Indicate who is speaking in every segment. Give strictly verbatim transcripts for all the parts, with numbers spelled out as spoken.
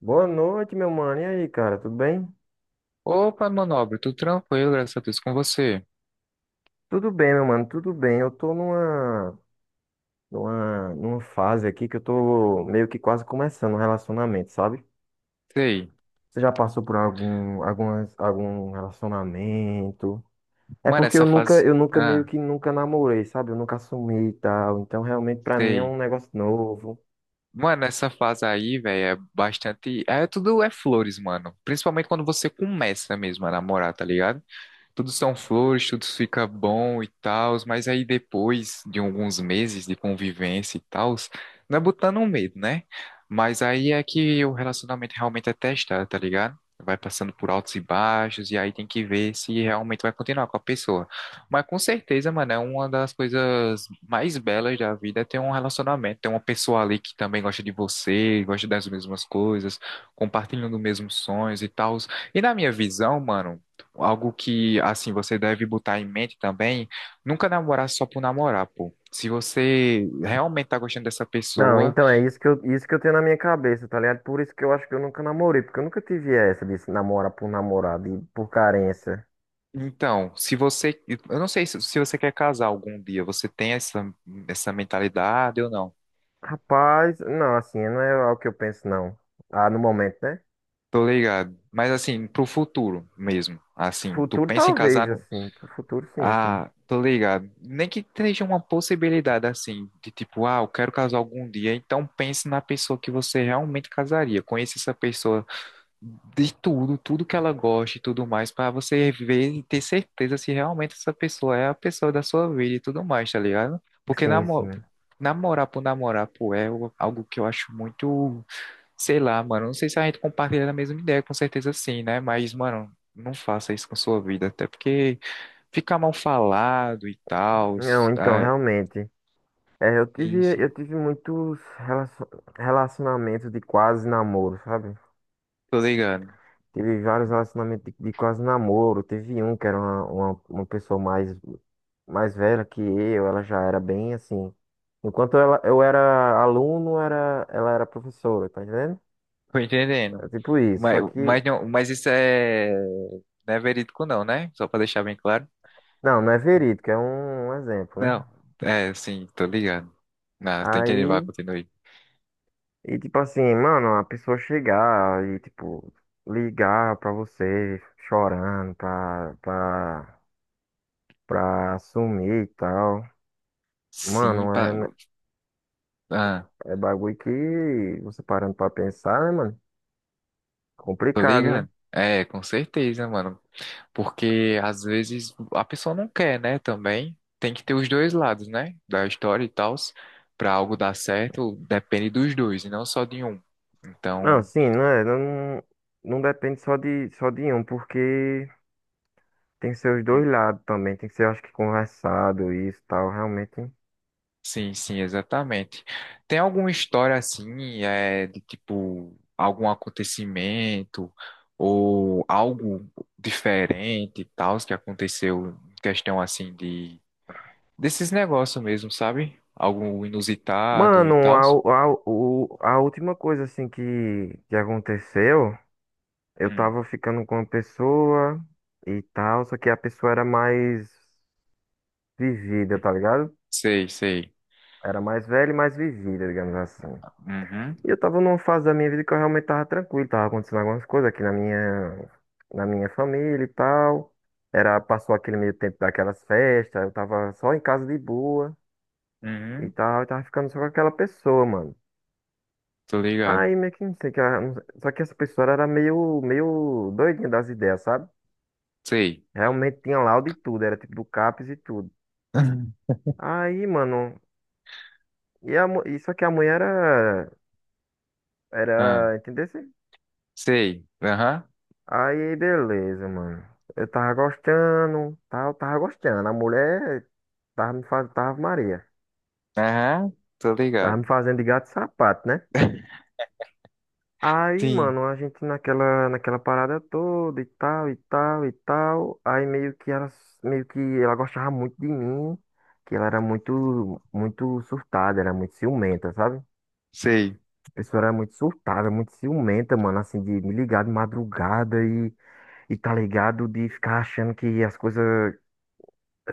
Speaker 1: Boa noite, meu mano. E aí, cara, tudo bem?
Speaker 2: Opa, meu nobre, tudo tranquilo, graças a Deus, com você.
Speaker 1: Tudo bem, meu mano, tudo bem. Eu tô numa, numa, numa fase aqui que eu tô meio que quase começando um relacionamento, sabe?
Speaker 2: Sei.
Speaker 1: Você já passou por algum, algumas, algum relacionamento? É
Speaker 2: Mano,
Speaker 1: porque eu
Speaker 2: essa
Speaker 1: nunca,
Speaker 2: fase.
Speaker 1: eu nunca meio
Speaker 2: Ah,
Speaker 1: que nunca namorei, sabe? Eu nunca assumi e tal. Então, realmente, pra mim é
Speaker 2: sei.
Speaker 1: um negócio novo.
Speaker 2: Mano, essa fase aí, velho, é bastante. É tudo é flores, mano. Principalmente quando você começa mesmo a namorar, tá ligado? Tudo são flores, tudo fica bom e tal, mas aí depois de alguns meses de convivência e tal, não é botando um medo, né? Mas aí é que o relacionamento realmente é testado, tá ligado? Vai passando por altos e baixos, e aí tem que ver se realmente vai continuar com a pessoa. Mas com certeza, mano, é uma das coisas mais belas da vida é ter um relacionamento, ter uma pessoa ali que também gosta de você, gosta das mesmas coisas, compartilhando os mesmos sonhos e tal. E na minha visão, mano, algo que, assim, você deve botar em mente também, nunca namorar só por namorar, pô. Se você realmente tá gostando dessa
Speaker 1: Não,
Speaker 2: pessoa,
Speaker 1: então é isso que eu, isso que eu tenho na minha cabeça, tá ligado? Por isso que eu acho que eu nunca namorei, porque eu nunca tive essa de se namorar por namorado e por carência.
Speaker 2: então, se você, eu não sei se, se você quer casar algum dia, você tem essa, essa mentalidade ou não?
Speaker 1: Rapaz, não, assim, não é algo que eu penso, não. Ah, no momento, né?
Speaker 2: Tô ligado. Mas, assim, pro futuro mesmo, assim, tu
Speaker 1: Futuro
Speaker 2: pensa em
Speaker 1: talvez,
Speaker 2: casar no...
Speaker 1: assim. Pro Futuro, sim, sim.
Speaker 2: Ah, tô ligado. Nem que seja uma possibilidade, assim, de tipo, ah, eu quero casar algum dia, então pense na pessoa que você realmente casaria. Conheça essa pessoa de tudo, tudo que ela gosta e tudo mais, para você ver e ter certeza se realmente essa pessoa é a pessoa da sua vida e tudo mais, tá ligado? Porque
Speaker 1: Sim, sim,
Speaker 2: namor
Speaker 1: né?
Speaker 2: namorar por namorar, pô, é o- algo que eu acho muito, sei lá, mano, não sei se a gente compartilha a mesma ideia, com certeza sim, né? Mas, mano, não faça isso com sua vida, até porque fica mal falado e tal,
Speaker 1: Não, então,
Speaker 2: ah,
Speaker 1: realmente. É, eu tive,
Speaker 2: sim, sim,
Speaker 1: eu tive muitos relacio- relacionamentos de quase namoro, sabe?
Speaker 2: tô ligado,
Speaker 1: Tive vários relacionamentos de, de quase namoro. Teve um que era uma, uma, uma pessoa mais, mais velha que eu, ela já era bem assim. Enquanto ela, eu era aluno, era, ela era professora, tá entendendo?
Speaker 2: tô
Speaker 1: É
Speaker 2: entendendo.
Speaker 1: tipo isso.
Speaker 2: Mas,
Speaker 1: Só que
Speaker 2: mas, não, mas isso é, não é verídico não, né? Só pra deixar bem claro.
Speaker 1: não, não é verídico, é um, um exemplo,
Speaker 2: Não,
Speaker 1: né?
Speaker 2: é, sim, tô ligado. Não, tem que animar,
Speaker 1: Aí,
Speaker 2: continue.
Speaker 1: e tipo assim, mano, a pessoa chegar e, tipo, ligar pra você chorando, pra, pra, pra assumir e tal.
Speaker 2: Sim,
Speaker 1: Mano,
Speaker 2: pa...
Speaker 1: é,
Speaker 2: ah,
Speaker 1: é bagulho que você parando pra pensar, né, mano?
Speaker 2: tô
Speaker 1: Complicado, né?
Speaker 2: ligado. É, com certeza, mano. Porque às vezes a pessoa não quer, né? Também tem que ter os dois lados, né? Da história e tal. Pra algo dar certo, depende dos dois e não só de um.
Speaker 1: Não,
Speaker 2: Então.
Speaker 1: sim, não é, não, não depende só de, só de um, porque tem seus dois lados também, tem que ser, acho que, conversado isso e tal, realmente.
Speaker 2: Sim, sim, exatamente. Tem alguma história assim, é, de tipo, algum acontecimento ou algo diferente e tal que aconteceu em questão assim de desses negócios mesmo, sabe? Algo inusitado e
Speaker 1: Mano,
Speaker 2: tal?
Speaker 1: a, u- a, u- o- a última coisa assim que, que aconteceu, eu
Speaker 2: Hum,
Speaker 1: tava ficando com uma pessoa e tal, só que a pessoa era mais vivida, tá ligado?
Speaker 2: sei, sei.
Speaker 1: Era mais velha e mais vivida, digamos assim.
Speaker 2: Uhum,
Speaker 1: E eu tava numa fase da minha vida que eu realmente tava tranquilo, tava acontecendo algumas coisas aqui na minha, na minha família e tal. Era, passou aquele meio tempo daquelas festas, eu tava só em casa de boa e
Speaker 2: uhum,
Speaker 1: tal, eu tava ficando só com aquela pessoa, mano.
Speaker 2: tô ligado.
Speaker 1: Aí meio que não sei, que ela- não sei- só que essa pessoa era meio, meio doidinha das ideias, sabe?
Speaker 2: Sei.
Speaker 1: Realmente tinha laudo e tudo, era tipo do CAPES e tudo. Aí, mano, e a, mu- e só que a mulher era,
Speaker 2: Ah,
Speaker 1: era, entendeu? Assim?
Speaker 2: sei. Aham,
Speaker 1: Aí, beleza, mano. Eu tava gostando, tal, tava gostando. A mulher tava me fazendo, tava Maria.
Speaker 2: aham, tô
Speaker 1: Tava me
Speaker 2: ligado.
Speaker 1: fazendo de gato e sapato, né? Aí,
Speaker 2: Sim,
Speaker 1: mano, a gente naquela, naquela parada toda e tal, e tal, e tal. Aí meio que ela, meio que ela gostava muito de mim, que ela era muito, muito surtada, era muito ciumenta, sabe? A
Speaker 2: sei.
Speaker 1: pessoa era muito surtada, muito ciumenta, mano, assim, de me ligar de madrugada e, e tá ligado, de ficar achando que as coisas,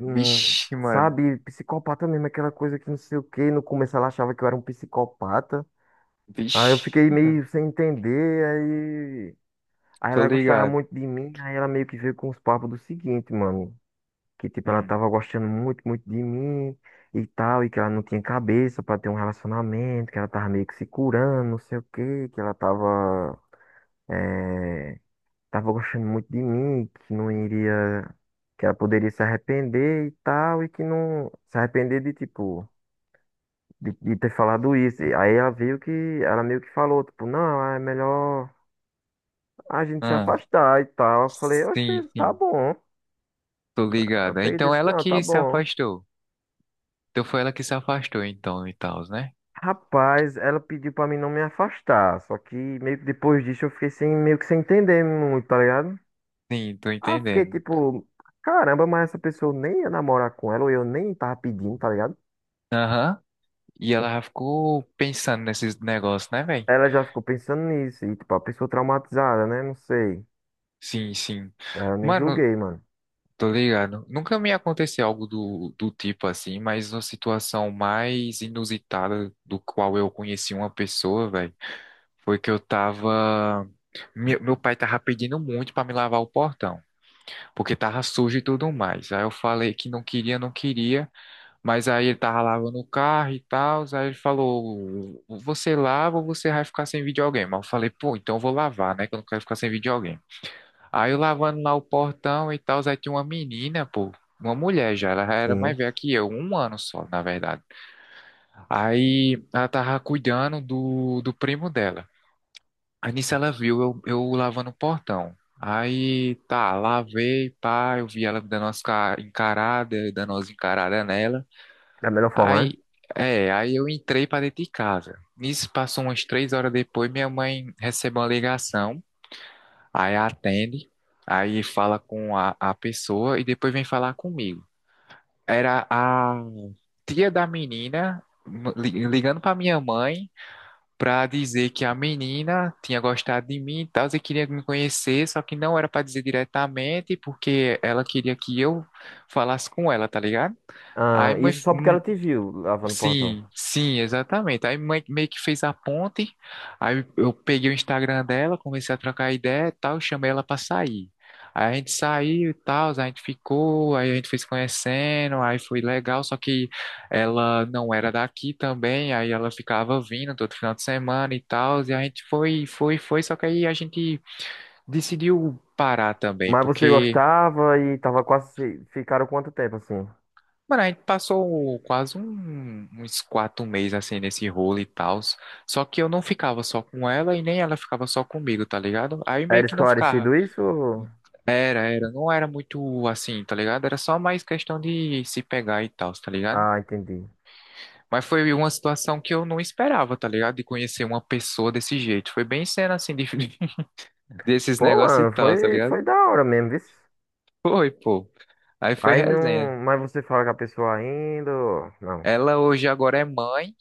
Speaker 1: hum,
Speaker 2: Vixe, mano.
Speaker 1: sabe, psicopata mesmo, aquela coisa que não sei o quê. No começo ela achava que eu era um psicopata. Aí eu
Speaker 2: Vixe,
Speaker 1: fiquei meio sem entender. Aí
Speaker 2: tô
Speaker 1: ela gostava
Speaker 2: ligado.
Speaker 1: muito de mim, aí ela meio que veio com os papos do seguinte, mano. Que, tipo, ela
Speaker 2: Hum.
Speaker 1: tava gostando muito, muito de mim e tal, e que ela não tinha cabeça pra ter um relacionamento, que ela tava meio que se curando, não sei o quê, que ela tava, eh, tava gostando muito de mim, que não iria, que ela poderia se arrepender e tal, e que não, se arrepender de, tipo, de, de ter falado isso. E aí ela veio que, ela meio que falou, tipo, não, é melhor a gente se
Speaker 2: Ah,
Speaker 1: afastar e tal. Eu falei,
Speaker 2: sim,
Speaker 1: oxe, tá
Speaker 2: sim,
Speaker 1: bom.
Speaker 2: tô
Speaker 1: Eu
Speaker 2: ligado.
Speaker 1: peguei e
Speaker 2: Então
Speaker 1: disse,
Speaker 2: ela
Speaker 1: não, tá
Speaker 2: que se
Speaker 1: bom.
Speaker 2: afastou. Então foi ela que se afastou, então, e tal, né?
Speaker 1: Rapaz, ela pediu pra mim não me afastar. Só que meio que depois disso eu fiquei sem, meio que sem entender muito, tá ligado?
Speaker 2: Sim, tô
Speaker 1: Aí eu fiquei
Speaker 2: entendendo.
Speaker 1: tipo, caramba, mas essa pessoa nem ia namorar com ela, ou eu nem tava pedindo, tá ligado?
Speaker 2: Aham. E ela já ficou pensando nesses negócios, né, velho?
Speaker 1: Ela já ficou pensando nisso, e tipo, a pessoa traumatizada, né? Não sei.
Speaker 2: Sim, sim.
Speaker 1: Aí eu nem
Speaker 2: Mano,
Speaker 1: julguei, mano.
Speaker 2: tô ligado. Nunca me aconteceu algo do, do tipo assim, mas uma situação mais inusitada do qual eu conheci uma pessoa, velho, foi que eu tava. Meu, meu pai tava pedindo muito pra me lavar o portão, porque tava sujo e tudo mais. Aí eu falei que não queria, não queria, mas aí ele tava lavando o carro e tal. Aí ele falou: "Você lava ou você vai ficar sem videogame?" Aí eu falei: "Pô, então eu vou lavar, né? Que eu não quero ficar sem videogame." Aí eu lavando lá o portão e tal, aí tinha uma menina, pô, uma mulher já, ela já era
Speaker 1: Sim,
Speaker 2: mais velha que eu, um ano só, na verdade. Aí ela tava cuidando do, do primo dela. Aí nisso ela viu eu, eu lavando o portão. Aí tá, lavei, pá, eu vi ela dando umas ca- encarada, dando umas encaradas nela.
Speaker 1: da melhor forma, né?
Speaker 2: Aí, é, aí eu entrei pra dentro de casa. Nisso passou umas três horas depois, minha mãe recebeu uma ligação. Aí atende, aí fala com a, a pessoa e depois vem falar comigo. Era a tia da menina li- ligando para minha mãe para dizer que a menina tinha gostado de mim e tal, e queria me conhecer, só que não era para dizer diretamente, porque ela queria que eu falasse com ela, tá ligado? Aí
Speaker 1: Ah,
Speaker 2: mãe,
Speaker 1: isso só porque ela te viu lavando o portão.
Speaker 2: sim, sim, exatamente. Aí mãe meio que fez a ponte. Aí eu peguei o Instagram dela, comecei a trocar ideia e tal, chamei ela pra sair. Aí a gente saiu e tal, a gente ficou, aí a gente foi se conhecendo, aí foi legal, só que ela não era daqui também, aí ela ficava vindo todo final de semana e tal, e a gente foi, foi, foi, só que aí a gente decidiu parar também,
Speaker 1: Mas você
Speaker 2: porque
Speaker 1: gostava e tava quase. Se- ficaram quanto tempo assim?
Speaker 2: mano, a gente passou quase um- uns quatro meses assim nesse rolo e tal. Só que eu não ficava só com ela e nem ela ficava só comigo, tá ligado? Aí meio
Speaker 1: Era
Speaker 2: que não ficava.
Speaker 1: esclarecido isso? Ou-
Speaker 2: Era, era. Não era muito assim, tá ligado? Era só mais questão de se pegar e tal, tá ligado?
Speaker 1: ah, entendi.
Speaker 2: Mas foi uma situação que eu não esperava, tá ligado? De conhecer uma pessoa desse jeito. Foi bem cena assim, de- desses
Speaker 1: Pô,
Speaker 2: negócios
Speaker 1: mano,
Speaker 2: e tal, tá
Speaker 1: foi,
Speaker 2: ligado?
Speaker 1: foi da hora mesmo, viu?
Speaker 2: Foi, pô. Aí foi
Speaker 1: Aí
Speaker 2: resenha.
Speaker 1: não. Mas você fala com a pessoa ainda. Ou- não,
Speaker 2: Ela hoje agora é mãe.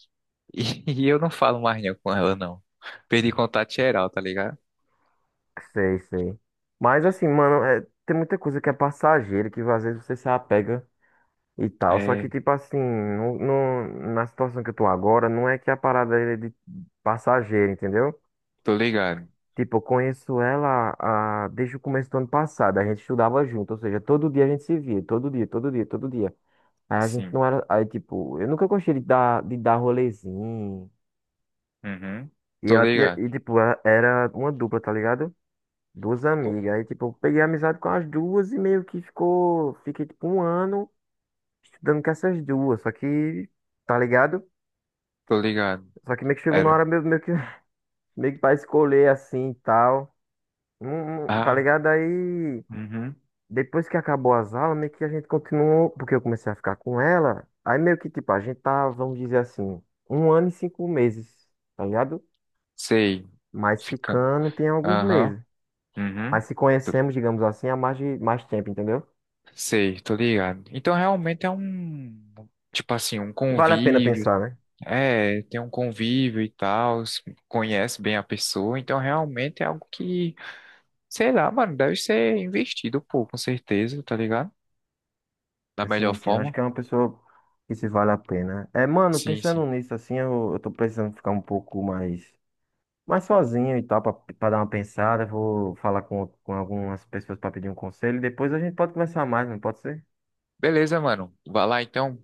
Speaker 2: E, e eu não falo mais não com ela, não. Perdi contato geral, tá ligado?
Speaker 1: sei, sei. Mas assim, mano, é, tem muita coisa que é passageira, que às vezes você se apega e tal. Só que,
Speaker 2: É,
Speaker 1: tipo assim, no, no- na situação que eu tô agora, não é que a parada é de passageira, entendeu?
Speaker 2: tô ligado.
Speaker 1: Tipo, eu conheço ela ah, desde o começo do ano passado. A gente estudava junto, ou seja, todo dia a gente se via, todo dia, todo dia, todo dia. Aí a gente
Speaker 2: Sim.
Speaker 1: não era. Aí, tipo, eu nunca gostei de dar, de dar rolezinho.
Speaker 2: Uhum.
Speaker 1: E
Speaker 2: Tô
Speaker 1: ela tinha,
Speaker 2: ligado.
Speaker 1: e tipo, ela- era uma dupla, tá ligado? Duas
Speaker 2: Co-
Speaker 1: amigas. Aí, tipo, eu peguei amizade com as duas e meio que ficou, fiquei tipo um ano estudando com essas duas. Só que, tá ligado?
Speaker 2: Tô ligado.
Speaker 1: Só que meio que chegou na
Speaker 2: Era.
Speaker 1: hora meio, meio que, meio que pra escolher assim e tal. Não- não- tá
Speaker 2: Ah,
Speaker 1: ligado? Aí,
Speaker 2: uhum.
Speaker 1: depois que acabou as aulas, meio que a gente continuou, porque eu comecei a ficar com ela. Aí meio que, tipo, a gente tá, vamos dizer assim, um ano e cinco meses, tá ligado?
Speaker 2: Sei.
Speaker 1: Mas
Speaker 2: Fica.
Speaker 1: ficando tem alguns
Speaker 2: Aham.
Speaker 1: meses. Mas
Speaker 2: Uhum.
Speaker 1: se
Speaker 2: Tô-
Speaker 1: conhecemos, digamos assim, há mais de mais tempo, entendeu?
Speaker 2: Sei, tô ligado. Então realmente é um. Tipo assim, um
Speaker 1: Vale a pena
Speaker 2: convívio.
Speaker 1: pensar, né?
Speaker 2: É, tem um convívio e tal. S- Conhece bem a pessoa. Então realmente é algo que. Sei lá, mano, deve ser investido, pô, com certeza, tá ligado? Da melhor
Speaker 1: Assim, sim, acho
Speaker 2: forma?
Speaker 1: que é uma pessoa que se vale a pena. É, mano,
Speaker 2: Sim,
Speaker 1: pensando
Speaker 2: sim.
Speaker 1: nisso, assim, eu, eu tô precisando ficar um pouco mais, mais sozinho e tal, pra, pra dar uma pensada. Vou falar com, com algumas pessoas pra pedir um conselho. E depois a gente pode conversar mais, não pode ser?
Speaker 2: Beleza, mano. Vai lá então.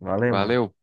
Speaker 1: Valeu, mano.
Speaker 2: Valeu.